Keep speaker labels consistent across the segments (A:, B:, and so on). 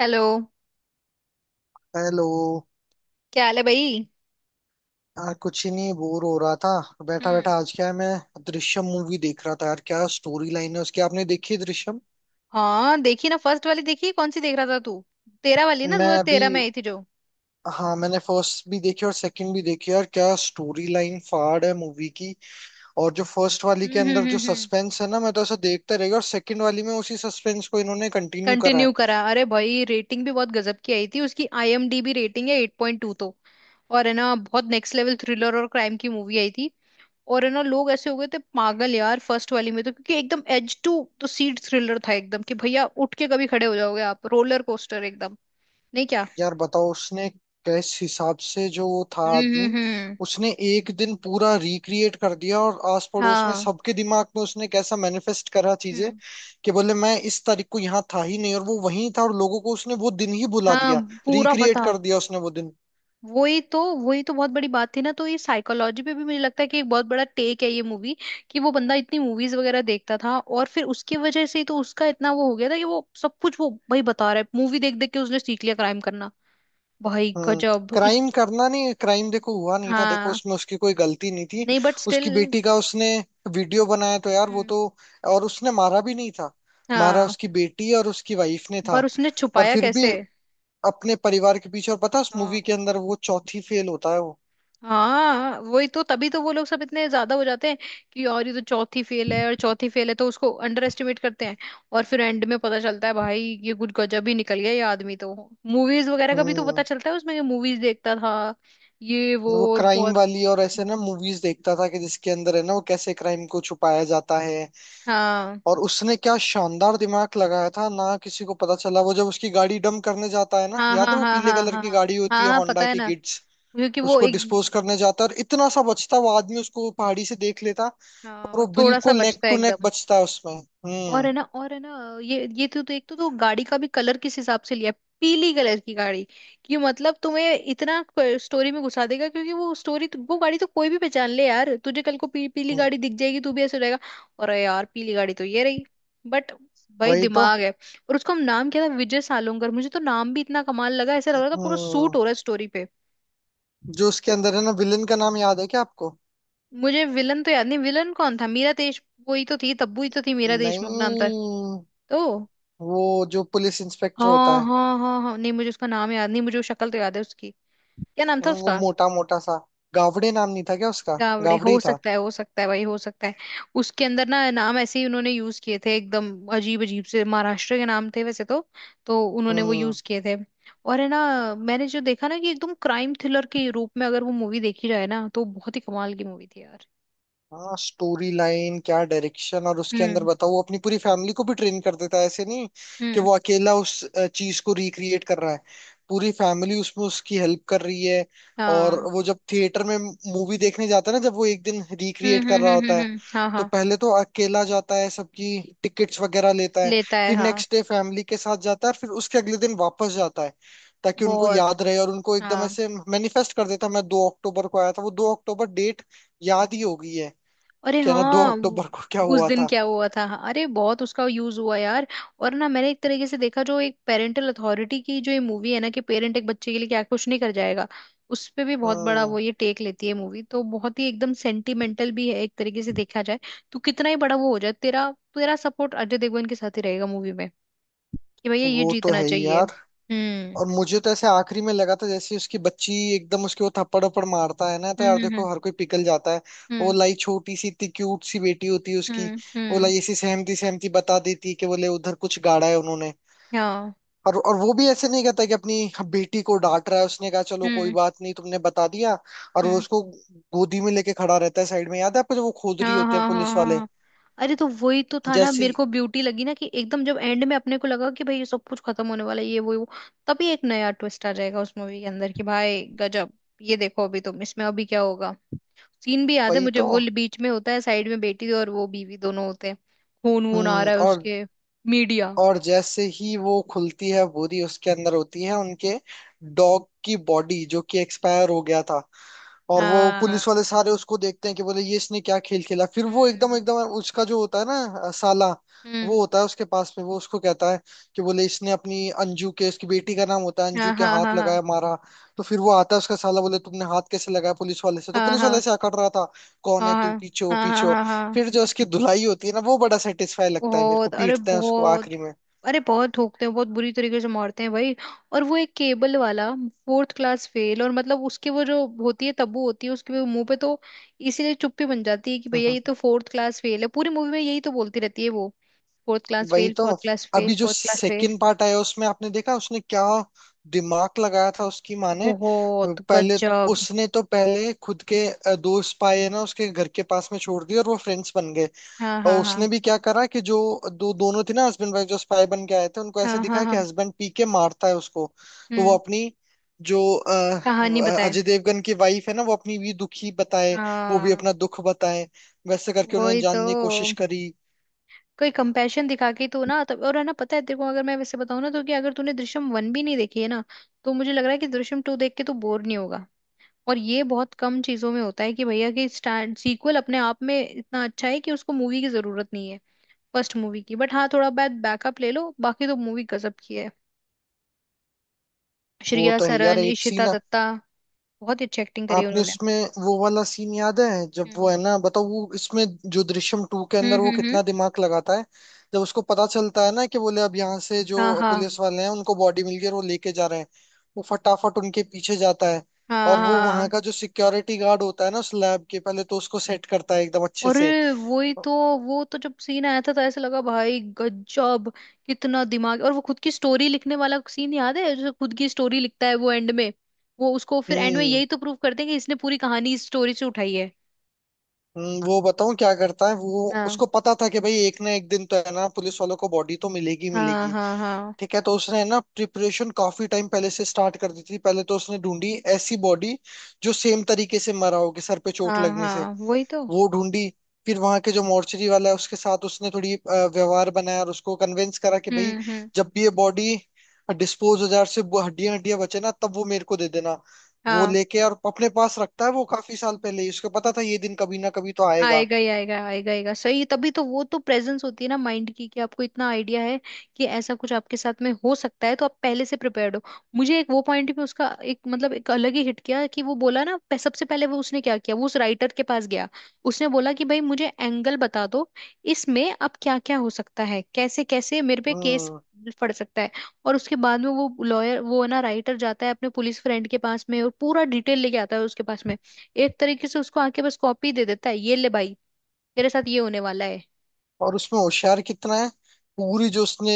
A: Hello.
B: Hello.
A: क्या हाल है भाई?
B: यार कुछ ही नहीं, बोर हो रहा था बैठा
A: हम्म।
B: बैठा। आज क्या है, मैं दृश्यम मूवी देख रहा था। यार क्या स्टोरी लाइन है उसकी, आपने देखी है दृश्यम?
A: हाँ, देखी ना। फर्स्ट वाली देखी? कौन सी देख रहा था तू? 13 वाली ना? दो
B: मैं
A: हजार
B: अभी
A: तेरह में आई थी जो।
B: हाँ, मैंने फर्स्ट भी देखी और सेकंड भी देखी। यार क्या स्टोरी लाइन फाड़ है मूवी की। और जो फर्स्ट वाली के
A: हम्म,
B: अंदर
A: हम्म,
B: जो
A: हम्म,
B: सस्पेंस है ना, मैं तो ऐसा देखता रहेगा। और सेकंड वाली में उसी सस्पेंस को इन्होंने कंटिन्यू करा है।
A: कंटिन्यू करा! अरे भाई, रेटिंग भी बहुत गजब की आई थी उसकी। आईएमडीबी रेटिंग है 8.2 तो। और है ना, बहुत नेक्स्ट लेवल थ्रिलर और क्राइम की मूवी आई थी। और है ना, लोग ऐसे हो गए थे पागल यार फर्स्ट वाली में तो, क्योंकि एकदम एज टू। तो सीट थ्रिलर था एकदम, कि भैया उठ के कभी खड़े हो जाओगे आप। रोलर कोस्टर एकदम। नहीं क्या?
B: यार बताओ, उसने किस हिसाब से जो वो था
A: हम्म,
B: आदमी,
A: हम्म, हम्म।
B: उसने एक दिन पूरा रिक्रिएट कर दिया। और आस पड़ोस में
A: हाँ।
B: सबके दिमाग में उसने कैसा मैनिफेस्ट करा चीजें,
A: हम्म।
B: कि बोले मैं इस तारीख को यहाँ था ही नहीं, और वो वहीं था। और लोगों को उसने वो दिन ही बुला
A: हाँ,
B: दिया,
A: पूरा
B: रिक्रिएट
A: बता।
B: कर दिया उसने वो दिन।
A: वही तो, वही तो बहुत बड़ी बात थी ना। तो ये साइकोलॉजी पे भी मुझे लगता है कि एक बहुत बड़ा टेक है ये मूवी। कि वो बंदा इतनी मूवीज वगैरह देखता था, और फिर उसकी वजह से ही तो उसका इतना वो हो गया था। कि वो सब कुछ वो भाई बता रहा है, मूवी देख देख के उसने सीख लिया क्राइम करना। भाई
B: हम्म।
A: गजब इस।
B: क्राइम करना नहीं, क्राइम देखो हुआ नहीं था। देखो
A: हाँ।
B: उसमें उसकी कोई गलती नहीं थी।
A: नहीं बट स्टिल।
B: उसकी बेटी का उसने वीडियो बनाया तो यार वो
A: हम्म।
B: तो। और उसने मारा भी नहीं था, मारा
A: हाँ।
B: उसकी बेटी और उसकी वाइफ ने था।
A: पर उसने
B: पर
A: छुपाया
B: फिर भी
A: कैसे?
B: अपने परिवार के पीछे। और पता है उस
A: हाँ,
B: मूवी के अंदर वो चौथी फेल होता है वो।
A: हाँ, वही तो, तभी तो वो लोग सब इतने ज्यादा हो जाते हैं। कि और ये तो चौथी फेल है, और चौथी फेल है तो उसको अंडर एस्टिमेट करते हैं। और फिर एंड में पता चलता है, भाई, ये कुछ गजब ही निकल गया ये आदमी तो। मूवीज वगैरह का भी तो पता
B: हम्म।
A: चलता है उसमें, कि मूवीज देखता था। ये वो
B: वो
A: और
B: क्राइम
A: बहुत।
B: वाली और ऐसे ना मूवीज देखता था, कि जिसके अंदर है ना वो कैसे क्राइम को छुपाया जाता है।
A: हाँ,
B: और उसने क्या शानदार दिमाग लगाया था ना, किसी को पता चला? वो जब उसकी गाड़ी डंप करने जाता है ना,
A: हाँ,
B: याद है,
A: हाँ,
B: वो
A: हाँ,
B: पीले
A: हाँ।
B: कलर
A: हाँ,
B: की गाड़ी होती
A: हाँ,
B: है
A: हाँ पता
B: होंडा
A: है
B: की
A: ना।
B: गिट्स।
A: क्योंकि वो
B: उसको
A: एक।
B: डिस्पोज करने जाता है, और इतना सा बचता वो आदमी, उसको पहाड़ी से देख लेता।
A: हाँ,
B: और
A: वो
B: वो
A: थोड़ा सा
B: बिल्कुल नेक
A: बचता है
B: टू नेक
A: एकदम।
B: बचता है उसमें।
A: और
B: हम्म।
A: है ना, और है ना, ये तो देख तो गाड़ी का भी कलर किस हिसाब से लिया है। पीली कलर की गाड़ी। कि मतलब तुम्हें इतना स्टोरी में घुसा देगा। क्योंकि वो स्टोरी, वो गाड़ी तो कोई भी पहचान ले यार। तुझे कल को पीली
B: हम्म,
A: गाड़ी दिख जाएगी तू भी ऐसे रहेगा। अरे यार, पीली गाड़ी तो ये रही। बट भाई
B: वही तो।
A: दिमाग है। और उसका नाम क्या था, विजय सालोंगर। मुझे तो नाम भी इतना कमाल लगा। ऐसा लग रहा था पूरा सूट
B: हम्म।
A: हो रहा है स्टोरी पे।
B: जो उसके अंदर है ना, विलेन का नाम याद है क्या आपको?
A: मुझे विलन तो याद नहीं। विलन कौन था? मीरा देश। वही तो थी, तब्बू ही तो थी, मीरा देशमुख नाम था।
B: नहीं,
A: तो।
B: वो जो पुलिस इंस्पेक्टर होता
A: हाँ,
B: है।
A: हाँ, हाँ, हाँ, नहीं मुझे उसका नाम याद नहीं। मुझे वो शक्ल तो याद है उसकी। क्या नाम था
B: वो
A: उसका?
B: मोटा मोटा सा, गावड़े नाम नहीं था क्या उसका?
A: गावड़े
B: गावड़े
A: हो
B: ही था।
A: सकता है, हो सकता है भाई, हो सकता है। उसके अंदर ना नाम ऐसे ही उन्होंने यूज किए थे एकदम। अजीब अजीब से महाराष्ट्र के नाम थे वैसे तो। तो उन्होंने वो
B: हम्म।
A: यूज किए थे। और है ना, मैंने जो देखा ना, कि एकदम क्राइम थ्रिलर के रूप में अगर वो मूवी देखी जाए ना, तो बहुत ही कमाल की मूवी थी यार।
B: हाँ, स्टोरी लाइन क्या, डायरेक्शन, और उसके अंदर
A: हम्म,
B: बताओ वो अपनी पूरी फैमिली को भी ट्रेन कर देता है। ऐसे नहीं कि
A: हम्म,
B: वो अकेला उस चीज को रिक्रिएट कर रहा है, पूरी फैमिली उसमें उसकी हेल्प कर रही है। और
A: हाँ,
B: वो जब थिएटर में मूवी देखने जाता है ना, जब वो एक दिन
A: हम्म,
B: रिक्रिएट
A: हम्म,
B: कर रहा
A: हम्म,
B: होता
A: हम्म,
B: है,
A: हाँ,
B: तो
A: हाँ।
B: पहले तो अकेला जाता है, सबकी टिकट्स वगैरह लेता है।
A: लेता है,
B: फिर
A: हाँ।
B: नेक्स्ट डे फैमिली के साथ जाता है, और फिर उसके अगले दिन वापस जाता है, ताकि उनको
A: बहुत।
B: याद रहे। और उनको एकदम
A: हाँ।
B: ऐसे मैनिफेस्ट कर देता है, मैं 2 अक्टूबर को आया था, वो 2 अक्टूबर डेट याद ही हो गई है
A: अरे
B: क्या, ना दो
A: हाँ
B: अक्टूबर को क्या
A: उस
B: हुआ
A: दिन
B: था।
A: क्या हुआ था? हाँ, अरे बहुत उसका यूज हुआ यार। और ना, मैंने एक तरीके से देखा जो एक पेरेंटल अथॉरिटी की जो ये मूवी है ना, कि पेरेंट एक बच्चे के लिए क्या कुछ नहीं कर जाएगा। उस पे भी बहुत बड़ा वो
B: हाँ,
A: ये टेक लेती है मूवी। तो बहुत ही एकदम सेंटिमेंटल भी है एक तरीके से देखा जाए। तो कितना ही बड़ा वो हो जाए, तेरा तेरा सपोर्ट अजय देवगन के साथ ही रहेगा मूवी में। कि भैया ये
B: वो तो
A: जीतना
B: है ही
A: चाहिए।
B: यार।
A: हम्म।
B: और मुझे तो ऐसे आखिरी में लगा था, जैसे उसकी बच्ची एकदम उसके वो थप्पड़ उप्पड़ मारता है ना, तो
A: हम्म,
B: यार
A: हम्म,
B: देखो हर कोई पिघल जाता है। वो
A: हम्म,
B: लाई, छोटी सी इतनी क्यूट सी बेटी होती है
A: हम्म,
B: उसकी,
A: हम्म,
B: वो लाई ऐसी सहमती सहमती बता देती है कि बोले उधर कुछ गाड़ा है उन्होंने।
A: हाँ।
B: और वो भी ऐसे नहीं कहता कि अपनी बेटी को डांट रहा है, उसने कहा चलो कोई
A: हम्म,
B: बात नहीं, तुमने बता दिया। और वो
A: हम्म।
B: उसको गोदी में लेके खड़ा रहता है साइड में, याद है आपको, जब वो खोद
A: हाँ,
B: रही होते हैं
A: हाँ, हाँ,
B: पुलिस
A: हाँ,
B: वाले।
A: हाँ। अरे, तो वही तो था ना।
B: जैसे
A: मेरे
B: ही-
A: को ब्यूटी लगी ना कि एकदम जब एंड में अपने को लगा कि भाई ये सब कुछ खत्म होने वाला है, ये वो ये वो। तभी एक नया ट्विस्ट आ जाएगा उस मूवी के अंदर कि भाई गजब। ये देखो अभी तुम, इसमें अभी क्या होगा। सीन भी याद है
B: वही
A: मुझे,
B: तो।
A: वो बीच में होता है साइड में बेटी और वो बीवी दोनों होते हैं। खून वून आ
B: हम्म।
A: रहा है
B: और
A: उसके। मीडिया।
B: और जैसे ही वो खुलती है बोरी, उसके अंदर होती है उनके डॉग की बॉडी, जो कि एक्सपायर हो गया था। और वो
A: हाँ,
B: पुलिस वाले सारे उसको देखते हैं कि बोले ये इसने क्या खेल खेला। फिर वो एकदम
A: हम्म,
B: एकदम उसका जो होता है ना, साला,
A: हम्म,
B: वो होता है उसके पास में, वो उसको कहता है कि बोले इसने अपनी अंजू के, उसकी बेटी का नाम होता है अंजू,
A: हाँ,
B: के
A: हाँ,
B: हाथ
A: हाँ,
B: लगाया मारा। तो फिर वो आता है उसका साला, बोले तुमने हाथ कैसे लगाया, पुलिस वाले से तो
A: हाँ, हाँ,
B: पुलिस वाले
A: हाँ,
B: से अकड़ रहा था, कौन
A: हाँ,
B: है तू,
A: हाँ,
B: पीछे हो
A: हाँ, हाँ,
B: पीछे हो।
A: हाँ, हाँ।
B: फिर जो उसकी धुलाई होती है ना, वो बड़ा सेटिस्फाई लगता है मेरे को,
A: बहुत। अरे
B: पीटते हैं उसको
A: बहुत।
B: आखिरी में।
A: अरे, बहुत ठोकते हैं, बहुत बुरी तरीके से मारते हैं भाई। और वो एक केबल वाला, फोर्थ क्लास फेल, और मतलब उसके वो जो होती है तब्बू होती है उसके वो मुंह पे तो। इसीलिए चुप्पी बन जाती है कि भैया
B: हम्म,
A: ये तो फोर्थ क्लास फेल है। पूरी मूवी में यही तो बोलती रहती है वो। फोर्थ क्लास
B: वही
A: फेल,
B: तो।
A: फोर्थ क्लास फेल,
B: अभी जो
A: fourth class fail.
B: Second part आया, उसमें आपने देखा उसने क्या दिमाग लगाया था उसकी माँ ने।
A: बहुत गजब।
B: उसने तो पहले खुद के दोस्त पाए हैं ना, उसके घर के पास में छोड़ दिए और वो फ्रेंड्स बन गए।
A: हाँ,
B: और
A: हाँ, हाँ।
B: उसने भी क्या करा कि जो दो दोनों थे ना, हस्बैंड वाइफ, जो स्पाई बन के आए थे, उनको ऐसे
A: हाँ, हाँ,
B: दिखाया
A: हाँ,
B: कि हस्बैंड पी के मारता है उसको। तो वो
A: हम्म।
B: अपनी, जो
A: कहानी बताए।
B: अजय देवगन की वाइफ है ना, वो अपनी भी दुखी बताए, वो भी
A: हाँ।
B: अपना दुख बताए, वैसे करके उन्होंने
A: वही तो।
B: जानने की कोशिश करी।
A: कोई कंपैशन दिखा के तो ना तब। और है ना, पता है तेरे को, अगर मैं वैसे बताऊं ना तो, कि अगर तूने दृश्यम 1 भी नहीं देखी है ना, तो मुझे लग रहा है कि दृश्यम 2 देख के तू बोर नहीं होगा। और ये बहुत कम चीजों में होता है कि भैया, कि स्टैंड सीक्वल अपने आप में इतना अच्छा है कि उसको मूवी की जरूरत नहीं है फर्स्ट मूवी की। बट हाँ, थोड़ा बहुत बैकअप ले लो, बाकी तो मूवी गजब की है।
B: वो
A: श्रेया
B: तो है यार।
A: सरन,
B: एक
A: इशिता
B: सीन
A: दत्ता, बहुत ही अच्छी एक्टिंग करी है
B: आपने
A: उन्होंने।
B: उसमें, वो वाला सीन याद है जब वो
A: हम्म,
B: है ना, बताओ वो इसमें, जो दृश्यम टू के
A: हम्म,
B: अंदर वो
A: हम्म, हम्म।
B: कितना दिमाग लगाता है। जब उसको पता चलता है ना कि बोले अब यहाँ से जो
A: हाँ, हाँ,
B: पुलिस वाले हैं उनको बॉडी मिल गई और वो लेके जा रहे हैं, वो फटाफट उनके पीछे जाता है। और वो वहां
A: हाँ।
B: का जो सिक्योरिटी गार्ड होता है ना उस लैब के, पहले तो उसको सेट करता है एकदम अच्छे
A: अरे,
B: से।
A: वही तो। वो तो जब सीन आया था तो ऐसे लगा, भाई गजब। कितना दिमाग! और वो खुद की स्टोरी लिखने वाला सीन याद है, जो खुद की स्टोरी लिखता है वो एंड में। वो उसको फिर एंड में
B: हम्म।
A: यही तो प्रूव करते हैं कि इसने पूरी कहानी इस स्टोरी से उठाई है।
B: वो बताऊं क्या करता है। वो
A: हाँ,
B: उसको पता था कि भाई एक ना एक दिन तो है ना पुलिस वालों को बॉडी तो मिलेगी
A: हाँ,
B: मिलेगी।
A: हाँ, हाँ,
B: ठीक है, तो उसने ना प्रिपरेशन काफी टाइम पहले से स्टार्ट कर दी थी। पहले तो उसने ढूंढी ऐसी बॉडी जो सेम तरीके से मरा हो, कि सर पे चोट
A: हाँ,
B: लगने से,
A: हाँ। वही तो।
B: वो ढूंढी। फिर वहां के जो मॉर्चरी वाला है उसके साथ उसने थोड़ी व्यवहार बनाया, और उसको कन्विंस करा कि भाई
A: हम्म,
B: जब भी ये बॉडी डिस्पोज हो जाए और सिर्फ हड्डियां हड्डियां बचे ना, तब वो मेरे को दे देना। वो
A: हम्म।
B: लेके और अपने पास रखता है। वो काफी साल पहले ही उसको पता था ये दिन कभी ना कभी तो आएगा।
A: आएगा ही आएगा, आएगा आएगा। सही, तभी तो वो तो प्रेजेंस होती है ना माइंड की, कि आपको इतना आइडिया है कि ऐसा कुछ आपके साथ में हो सकता है तो आप पहले से प्रिपेयर्ड हो। मुझे एक वो पॉइंट भी उसका एक मतलब एक अलग ही हिट किया, कि वो बोला ना सबसे पहले वो उसने क्या किया, वो उस राइटर के पास गया। उसने बोला कि भाई मुझे एंगल बता दो, इसमें अब क्या क्या हो सकता है, कैसे कैसे मेरे पे केस
B: हम्म।
A: पड़ सकता है। और उसके बाद में वो लॉयर, वो ना राइटर जाता है अपने पुलिस फ्रेंड के पास में और पूरा डिटेल लेके आता है उसके पास में। एक तरीके से उसको आके बस कॉपी दे देता है, ये ले भाई, तेरे साथ ये होने वाला है।
B: और उसमें होशियार कितना है, पूरी जो उसने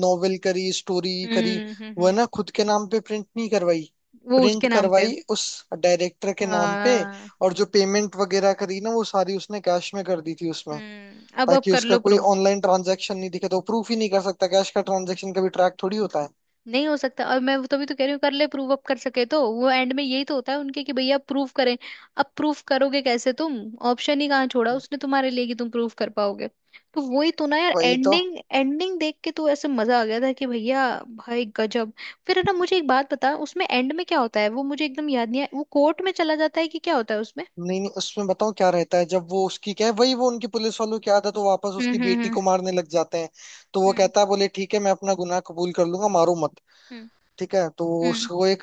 B: नॉवेल करी स्टोरी करी,
A: हम्म, हम्म,
B: वो है
A: हम्म।
B: ना खुद के नाम पे प्रिंट नहीं करवाई,
A: वो
B: प्रिंट
A: उसके नाम पे।
B: करवाई उस डायरेक्टर के नाम पे।
A: हाँ।
B: और जो पेमेंट वगैरह करी ना, वो सारी उसने कैश में कर दी थी उसमें,
A: हम्म, अब
B: ताकि
A: कर
B: उसका
A: लो
B: कोई
A: प्रूफ।
B: ऑनलाइन ट्रांजैक्शन नहीं दिखे। तो प्रूफ ही नहीं कर सकता, कैश का ट्रांजैक्शन कभी ट्रैक थोड़ी होता है।
A: नहीं हो सकता। और मैं वो तभी तो कह रही हूँ, कर ले प्रूव अप कर सके तो। वो एंड में यही तो होता है उनके, कि भैया प्रूव करें, अब प्रूफ करोगे कैसे तुम? ऑप्शन ही कहाँ छोड़ा उसने तुम्हारे लिए कि तुम प्रूफ कर पाओगे। तो वही तो ना यार,
B: वही तो।
A: एंडिंग एंडिंग देख के तो ऐसे मजा आ गया था कि भैया, भाई गजब। फिर है ना, मुझे एक बात बता, उसमें एंड में क्या होता है वो मुझे एकदम याद नहीं है। वो कोर्ट में चला जाता है कि क्या होता है उसमें?
B: नहीं नहीं, उसमें बताओ क्या रहता है, जब वो उसकी क्या है, वही वो उनकी पुलिस वालों की आदत, तो वापस उसकी
A: हम्म,
B: बेटी
A: हम्म,
B: को मारने लग जाते हैं। तो वो
A: हम्म,
B: कहता है बोले ठीक है मैं अपना गुनाह कबूल कर लूंगा, मारो मत।
A: हम्म,
B: ठीक है, तो
A: हम्म,
B: उसको एक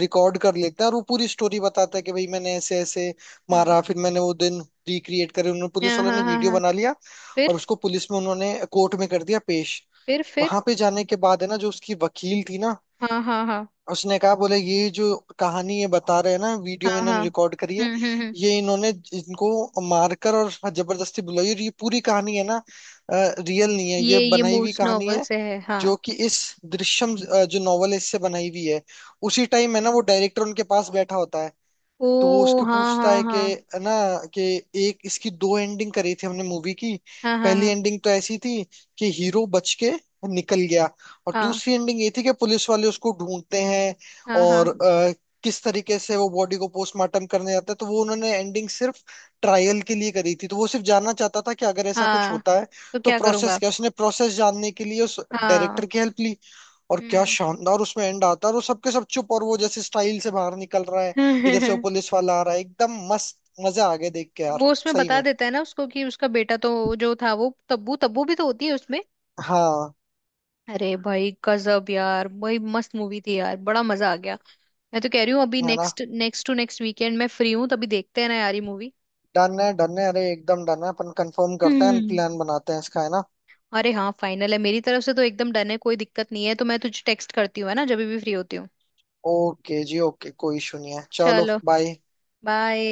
B: रिकॉर्ड कर लेते हैं और वो पूरी स्टोरी बताता है कि भाई मैंने ऐसे ऐसे
A: हम्म,
B: मारा, फिर मैंने वो दिन रिक्रिएट करे, उन्होंने पुलिस वालों
A: हाँ,
B: ने
A: हाँ, हाँ,
B: वीडियो
A: हाँ।
B: बना लिया।
A: फिर,
B: और उसको पुलिस में उन्होंने कोर्ट में कर दिया पेश।
A: फिर, फिर।
B: वहां पे जाने के बाद है ना, जो उसकी वकील थी ना,
A: हाँ, हाँ, हाँ,
B: उसने कहा बोले ये जो कहानी ये बता रहे हैं ना वीडियो
A: हाँ,
B: में
A: हाँ।
B: इन्होंने रिकॉर्ड करी है,
A: हम्म, हम्म, हम्म।
B: ये इन्होंने इनको मारकर और जबरदस्ती बुलाई, और ये पूरी कहानी है ना, रियल नहीं है, ये
A: ये
B: बनाई हुई
A: मूस
B: कहानी
A: नॉवल
B: है,
A: से है, हाँ।
B: जो कि इस दृश्यम जो नॉवल इससे बनाई हुई है। उसी टाइम है ना वो डायरेक्टर उनके पास बैठा होता है,
A: ओ
B: तो वो उसके
A: हाँ,
B: पूछता
A: हाँ,
B: है कि
A: हाँ।
B: है ना, कि एक इसकी दो एंडिंग करी थी हमने मूवी की।
A: हाँ,
B: पहली
A: हाँ।
B: एंडिंग तो ऐसी थी कि हीरो बच के निकल गया, और
A: हाँ,
B: दूसरी एंडिंग ये थी कि पुलिस वाले उसको ढूंढते हैं,
A: हाँ, हाँ,
B: और
A: हाँ,
B: किस तरीके से वो बॉडी को पोस्टमार्टम करने जाता है। तो वो उन्होंने एंडिंग सिर्फ ट्रायल के लिए करी थी। तो वो सिर्फ जानना चाहता था कि अगर ऐसा कुछ
A: हाँ।
B: होता है
A: तो
B: तो
A: क्या करूंगा।
B: प्रोसेस क्या है। उसने प्रोसेस जानने के लिए उस
A: हाँ।
B: डायरेक्टर की हेल्प ली। और क्या
A: हम्म।
B: शानदार उसमें एंड आता है, और वो सबके सब चुप, और वो जैसे स्टाइल से बाहर निकल रहा है, इधर से वो पुलिस वाला आ रहा है एकदम मस्त। मजा आ गया देख के यार,
A: वो उसमें
B: सही
A: बता
B: में।
A: देता है ना उसको कि उसका बेटा तो जो था वो तब्बू तब्बू भी तो होती है उसमें।
B: हाँ,
A: अरे भाई गजब यार! भाई मस्त मूवी थी यार, बड़ा मजा आ गया। मैं तो कह रही हूँ अभी,
B: है ना।
A: Next next to next weekend मैं फ्री हूँ, तभी देखते हैं ना यार ये मूवी।
B: डन है, डन है, अरे एकदम डन है। अपन कंफर्म करते हैं,
A: हम्म।
B: प्लान बनाते हैं इसका, है ना।
A: अरे हाँ, फाइनल है मेरी तरफ से तो, एकदम डन है, कोई दिक्कत नहीं है। तो मैं तुझे टेक्स्ट करती हूँ है ना, जब भी फ्री होती हूँ।
B: ओके जी, ओके, कोई इशू नहीं है, चलो
A: चलो,
B: बाय।
A: बाय।